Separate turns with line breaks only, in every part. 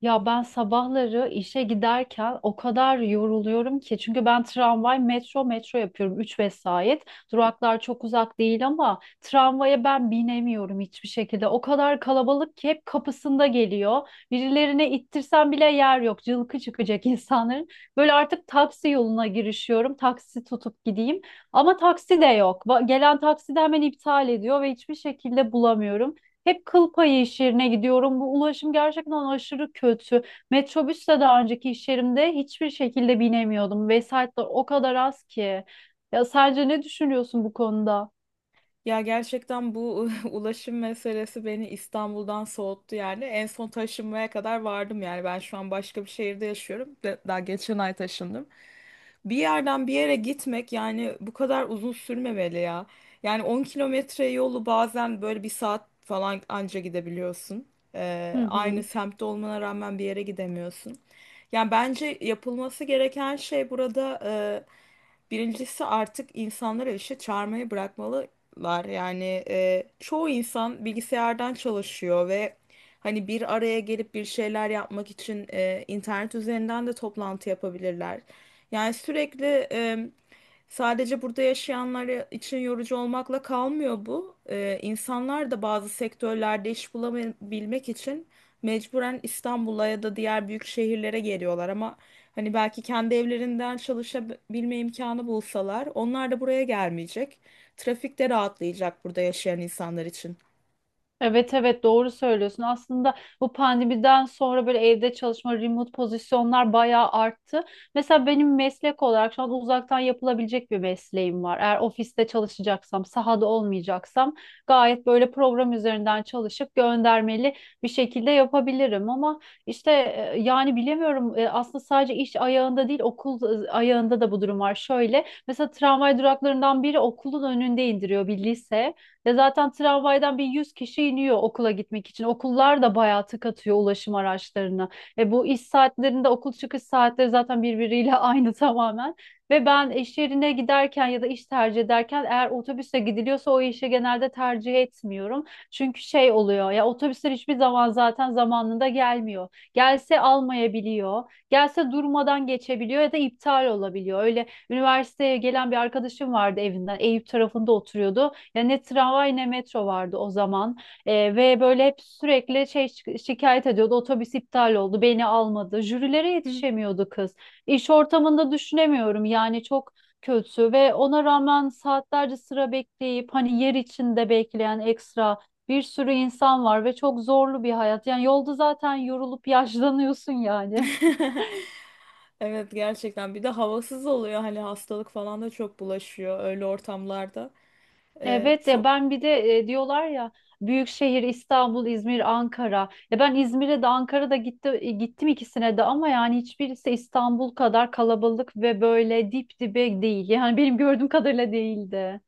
Ya ben sabahları işe giderken o kadar yoruluyorum ki çünkü ben tramvay, metro yapıyorum 3 vesait. Duraklar çok uzak değil ama tramvaya ben binemiyorum hiçbir şekilde. O kadar kalabalık ki hep kapısında geliyor. Birilerine ittirsem bile yer yok. Cılkı çıkacak insanların. Böyle artık taksi yoluna girişiyorum. Taksi tutup gideyim. Ama taksi de yok. Gelen taksi de hemen iptal ediyor ve hiçbir şekilde bulamıyorum. Hep kıl payı iş yerine gidiyorum. Bu ulaşım gerçekten aşırı kötü. Metrobüste daha önceki iş yerimde hiçbir şekilde binemiyordum. Vesayetler o kadar az ki. Ya sence ne düşünüyorsun bu konuda?
Ya gerçekten bu ulaşım meselesi beni İstanbul'dan soğuttu yani. En son taşınmaya kadar vardım yani. Ben şu an başka bir şehirde yaşıyorum. Daha geçen ay taşındım. Bir yerden bir yere gitmek yani bu kadar uzun sürmemeli ya. Yani 10 kilometre yolu bazen böyle bir saat falan anca gidebiliyorsun.
Hı
Aynı
hı.
semtte olmana rağmen bir yere gidemiyorsun. Yani bence yapılması gereken şey burada, birincisi artık insanları işe çağırmayı bırakmalılar. Yani çoğu insan bilgisayardan çalışıyor ve hani bir araya gelip bir şeyler yapmak için internet üzerinden de toplantı yapabilirler. Yani sürekli, sadece burada yaşayanlar için yorucu olmakla kalmıyor bu. İnsanlar da bazı sektörlerde iş bulabilmek için mecburen İstanbul'a ya da diğer büyük şehirlere geliyorlar. Ama hani belki kendi evlerinden çalışabilme imkanı bulsalar, onlar da buraya gelmeyecek. Trafik de rahatlayacak burada yaşayan insanlar için.
Evet, evet, doğru söylüyorsun. Aslında bu pandemiden sonra böyle evde çalışma, remote pozisyonlar bayağı arttı. Mesela benim meslek olarak şu an uzaktan yapılabilecek bir mesleğim var. Eğer ofiste çalışacaksam, sahada olmayacaksam gayet böyle program üzerinden çalışıp göndermeli bir şekilde yapabilirim. Ama işte yani bilemiyorum. Aslında sadece iş ayağında değil okul ayağında da bu durum var. Şöyle mesela tramvay duraklarından biri okulun önünde indiriyor bir lise. Ve zaten tramvaydan bir 100 kişi iniyor okula gitmek için. Okullar da bayağı tık atıyor ulaşım araçlarına. Bu iş saatlerinde okul çıkış saatleri zaten birbiriyle aynı tamamen. Ve ben iş yerine giderken ya da iş tercih ederken eğer otobüse gidiliyorsa o işi genelde tercih etmiyorum. Çünkü şey oluyor ya, otobüsler hiçbir zaman zaten zamanında gelmiyor. Gelse almayabiliyor. Gelse durmadan geçebiliyor ya da iptal olabiliyor. Öyle üniversiteye gelen bir arkadaşım vardı evinden. Eyüp tarafında oturuyordu. Ya ne tramvay ne metro vardı o zaman. Ve böyle hep sürekli şikayet ediyordu. Otobüs iptal oldu, beni almadı. Jürilere
Hı.
yetişemiyordu kız. İş ortamında düşünemiyorum. Yani çok kötü ve ona rağmen saatlerce sıra bekleyip hani yer içinde bekleyen ekstra bir sürü insan var ve çok zorlu bir hayat. Yani yolda zaten yorulup yaşlanıyorsun yani.
Evet, gerçekten bir de havasız oluyor, hani hastalık falan da çok bulaşıyor öyle ortamlarda.
Evet ya,
Çok
ben bir de diyorlar ya, büyük şehir İstanbul, İzmir, Ankara. Ya ben İzmir'e de Ankara'da gittim ikisine de ama yani hiçbirisi İstanbul kadar kalabalık ve böyle dip dibe değil. Yani benim gördüğüm kadarıyla değildi.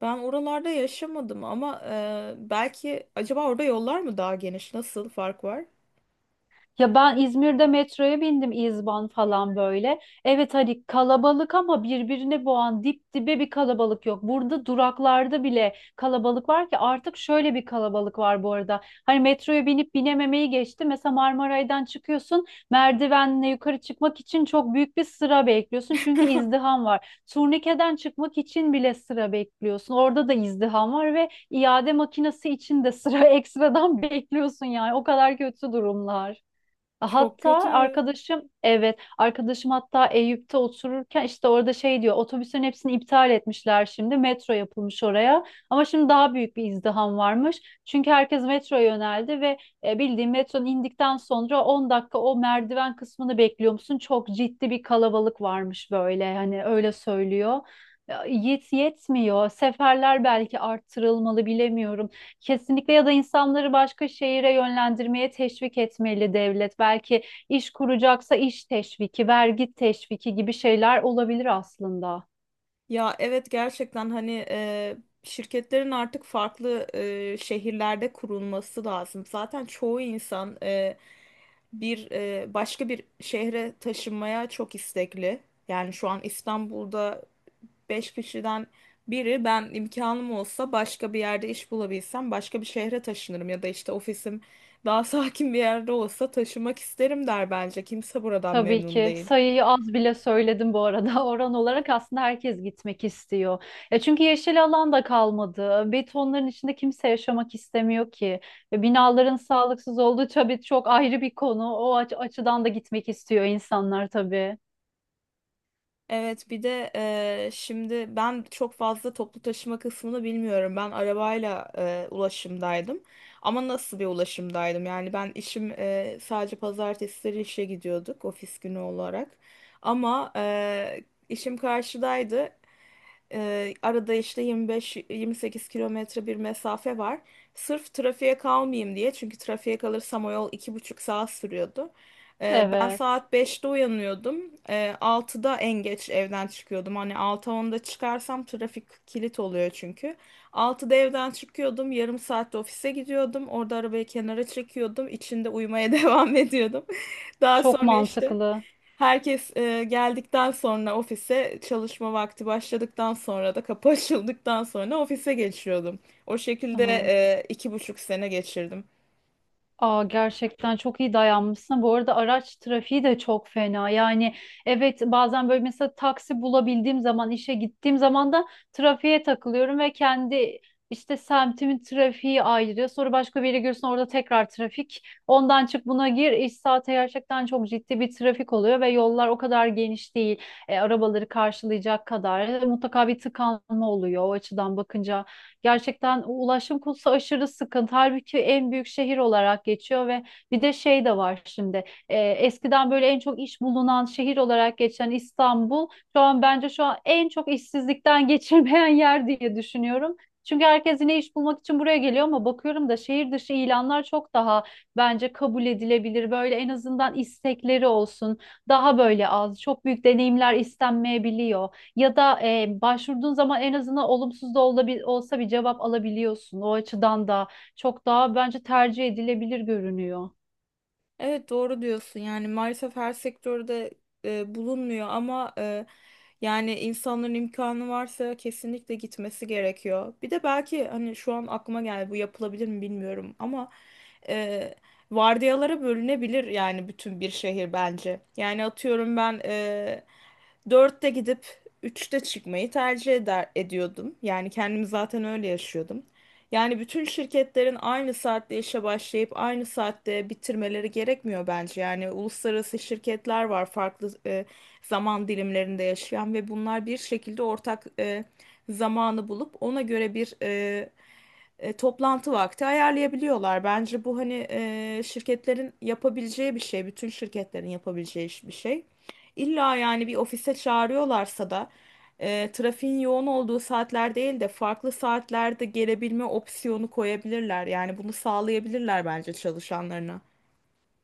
Ben oralarda yaşamadım ama belki acaba orada yollar mı daha geniş? Nasıl fark var?
Ya ben İzmir'de metroya bindim İzban falan böyle. Evet hani kalabalık ama birbirine boğan dip dibe bir kalabalık yok. Burada duraklarda bile kalabalık var ki, artık şöyle bir kalabalık var bu arada. Hani metroya binip binememeyi geçti. Mesela Marmaray'dan çıkıyorsun, merdivenle yukarı çıkmak için çok büyük bir sıra bekliyorsun. Çünkü izdiham var. Turnikeden çıkmak için bile sıra bekliyorsun. Orada da izdiham var ve iade makinesi için de sıra ekstradan bekliyorsun yani. O kadar kötü durumlar.
Çok
Hatta
kötü.
arkadaşım, evet, arkadaşım hatta Eyüp'te otururken işte orada şey diyor, otobüslerin hepsini iptal etmişler, şimdi metro yapılmış oraya ama şimdi daha büyük bir izdiham varmış çünkü herkes metroya yöneldi ve bildiğin metronun indikten sonra 10 dakika o merdiven kısmını bekliyor musun, çok ciddi bir kalabalık varmış böyle, hani öyle söylüyor. Ya, yetmiyor seferler, belki arttırılmalı, bilemiyorum. Kesinlikle, ya da insanları başka şehire yönlendirmeye teşvik etmeli devlet. Belki iş kuracaksa iş teşviki, vergi teşviki gibi şeyler olabilir aslında.
Ya evet, gerçekten hani şirketlerin artık farklı şehirlerde kurulması lazım. Zaten çoğu insan başka bir şehre taşınmaya çok istekli. Yani şu an İstanbul'da beş kişiden biri, ben imkanım olsa başka bir yerde iş bulabilsem başka bir şehre taşınırım ya da işte ofisim daha sakin bir yerde olsa taşımak isterim der bence. Kimse buradan
Tabii
memnun
ki
değil.
sayıyı az bile söyledim bu arada. Oran olarak aslında herkes gitmek istiyor. Ya çünkü yeşil alan da kalmadı. Betonların içinde kimse yaşamak istemiyor ki. Ve binaların sağlıksız olduğu tabii çok ayrı bir konu. O açıdan da gitmek istiyor insanlar tabii.
Evet, bir de şimdi ben çok fazla toplu taşıma kısmını bilmiyorum. Ben arabayla ulaşımdaydım. Ama nasıl bir ulaşımdaydım? Yani ben işim sadece pazartesileri işe gidiyorduk, ofis günü olarak. Ama işim karşıdaydı. Arada işte 25-28 kilometre bir mesafe var. Sırf trafiğe kalmayayım diye. Çünkü trafiğe kalırsam o yol 2,5 saat sürüyordu. Ben
Evet.
saat 5'te uyanıyordum. 6'da en geç evden çıkıyordum. Hani 6.10 çıkarsam trafik kilit oluyor çünkü. 6'da evden çıkıyordum. Yarım saatte ofise gidiyordum. Orada arabayı kenara çekiyordum. İçinde uyumaya devam ediyordum. Daha
Çok
sonra işte
mantıklı.
herkes, geldikten sonra, ofise çalışma vakti başladıktan sonra da kapı açıldıktan sonra ofise geçiyordum. O şekilde 2,5 sene geçirdim.
Aa, gerçekten çok iyi dayanmışsın. Bu arada araç trafiği de çok fena. Yani evet, bazen böyle mesela taksi bulabildiğim zaman, işe gittiğim zaman da trafiğe takılıyorum ve kendi işte semtimin trafiği ayrı. Sonra başka bir yere giriyorsun, orada tekrar trafik. Ondan çık buna gir. İş saati gerçekten çok ciddi bir trafik oluyor ve yollar o kadar geniş değil. Arabaları karşılayacak kadar. Mutlaka bir tıkanma oluyor o açıdan bakınca. Gerçekten o ulaşım konusu aşırı sıkıntı. Halbuki en büyük şehir olarak geçiyor ve bir de şey de var şimdi. Eskiden böyle en çok iş bulunan şehir olarak geçen İstanbul şu an bence şu an en çok işsizlikten geçirmeyen yer diye düşünüyorum. Çünkü herkes yine iş bulmak için buraya geliyor ama bakıyorum da şehir dışı ilanlar çok daha bence kabul edilebilir. Böyle en azından istekleri olsun. Daha böyle az, çok büyük deneyimler istenmeyebiliyor ya da başvurduğun zaman en azından olumsuz da olsa bir cevap alabiliyorsun. O açıdan da çok daha bence tercih edilebilir görünüyor.
Evet doğru diyorsun, yani maalesef her sektörde bulunmuyor ama yani insanların imkanı varsa kesinlikle gitmesi gerekiyor. Bir de belki hani şu an aklıma geldi, bu yapılabilir mi bilmiyorum ama e, vardiyalara bölünebilir yani bütün bir şehir bence. Yani atıyorum ben 4'te gidip 3'te çıkmayı tercih ediyordum. Yani kendimi zaten öyle yaşıyordum. Yani bütün şirketlerin aynı saatte işe başlayıp aynı saatte bitirmeleri gerekmiyor bence. Yani uluslararası şirketler var, farklı zaman dilimlerinde yaşayan, ve bunlar bir şekilde ortak zamanı bulup ona göre bir toplantı vakti ayarlayabiliyorlar. Bence bu, hani şirketlerin yapabileceği bir şey, bütün şirketlerin yapabileceği bir şey. İlla yani bir ofise çağırıyorlarsa da trafiğin yoğun olduğu saatler değil de farklı saatlerde gelebilme opsiyonu koyabilirler. Yani bunu sağlayabilirler bence çalışanlarına.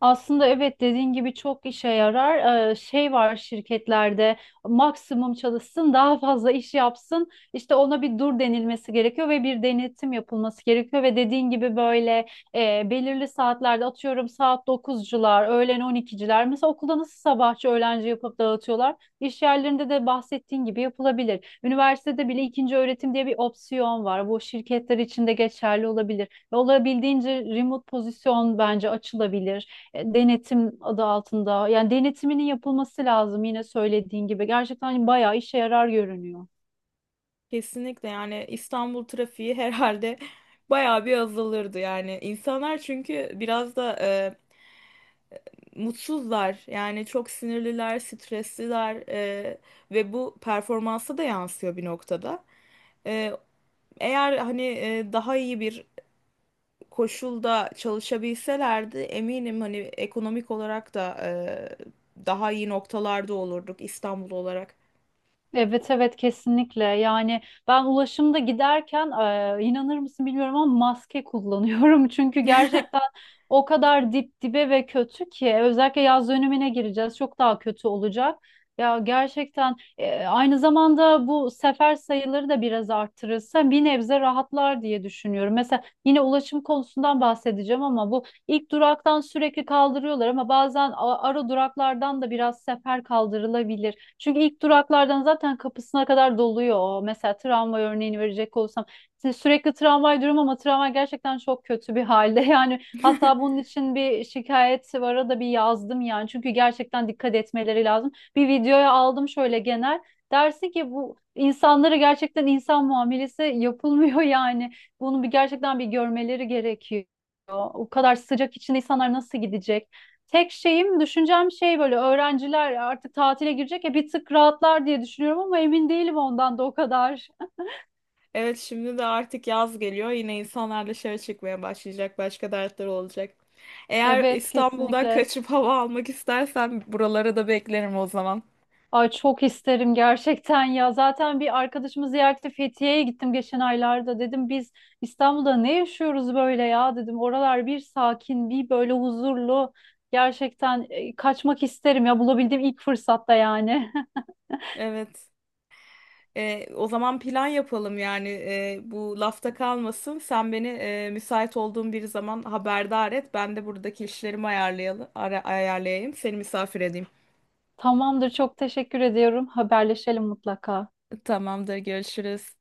Aslında evet, dediğin gibi çok işe yarar. Şey var şirketlerde, maksimum çalışsın daha fazla iş yapsın. İşte ona bir dur denilmesi gerekiyor ve bir denetim yapılması gerekiyor. Ve dediğin gibi böyle belirli saatlerde atıyorum saat dokuzcular, öğlen on ikiciler. Mesela okulda nasıl sabahçı öğlenci yapıp dağıtıyorlar. İş yerlerinde de bahsettiğin gibi yapılabilir. Üniversitede bile ikinci öğretim diye bir opsiyon var. Bu şirketler için de geçerli olabilir. Ve olabildiğince remote pozisyon bence açılabilir denetim adı altında. Yani denetiminin yapılması lazım yine söylediğin gibi. Gerçekten bayağı işe yarar görünüyor.
Kesinlikle yani İstanbul trafiği herhalde bayağı bir azalırdı yani. İnsanlar çünkü biraz da mutsuzlar, yani çok sinirliler, stresliler, ve bu performansa da yansıyor bir noktada. E, Eğer hani daha iyi bir koşulda çalışabilselerdi, eminim hani ekonomik olarak da daha iyi noktalarda olurduk, İstanbul olarak.
Evet, evet, kesinlikle yani ben ulaşımda giderken inanır mısın bilmiyorum ama maske kullanıyorum çünkü gerçekten o kadar dip dibe ve kötü ki, özellikle yaz dönemine gireceğiz, çok daha kötü olacak. Ya gerçekten aynı zamanda bu sefer sayıları da biraz arttırırsa bir nebze rahatlar diye düşünüyorum. Mesela yine ulaşım konusundan bahsedeceğim ama bu ilk duraktan sürekli kaldırıyorlar, ama bazen ara duraklardan da biraz sefer kaldırılabilir. Çünkü ilk duraklardan zaten kapısına kadar doluyor. O. Mesela tramvay örneğini verecek olursam, şimdi sürekli tramvay durum ama tramvay gerçekten çok kötü bir halde. Yani hatta bunun için bir şikayet vara da bir yazdım yani. Çünkü gerçekten dikkat etmeleri lazım. Bir videoya aldım şöyle genel. Dersin ki bu insanlara gerçekten insan muamelesi yapılmıyor yani. Bunu bir gerçekten bir görmeleri gerekiyor. O kadar sıcak içinde insanlar nasıl gidecek? Tek şeyim, düşüncem şey, böyle öğrenciler artık tatile girecek ya, bir tık rahatlar diye düşünüyorum ama emin değilim ondan da o kadar.
Evet, şimdi de artık yaz geliyor. Yine insanlar dışarı çıkmaya başlayacak. Başka dertleri olacak. Eğer
Evet
İstanbul'dan
kesinlikle.
kaçıp hava almak istersen buralara da beklerim o zaman.
Ay çok isterim gerçekten ya. Zaten bir arkadaşımı ziyarete Fethiye'ye gittim geçen aylarda. Dedim biz İstanbul'da ne yaşıyoruz böyle ya dedim. Oralar bir sakin, bir böyle huzurlu. Gerçekten kaçmak isterim ya bulabildiğim ilk fırsatta yani.
Evet. O zaman plan yapalım yani, bu lafta kalmasın. Sen beni müsait olduğun bir zaman haberdar et. Ben de buradaki işlerimi ayarlayayım. Seni misafir edeyim.
Tamamdır, çok teşekkür ediyorum. Haberleşelim mutlaka.
Tamamdır, görüşürüz.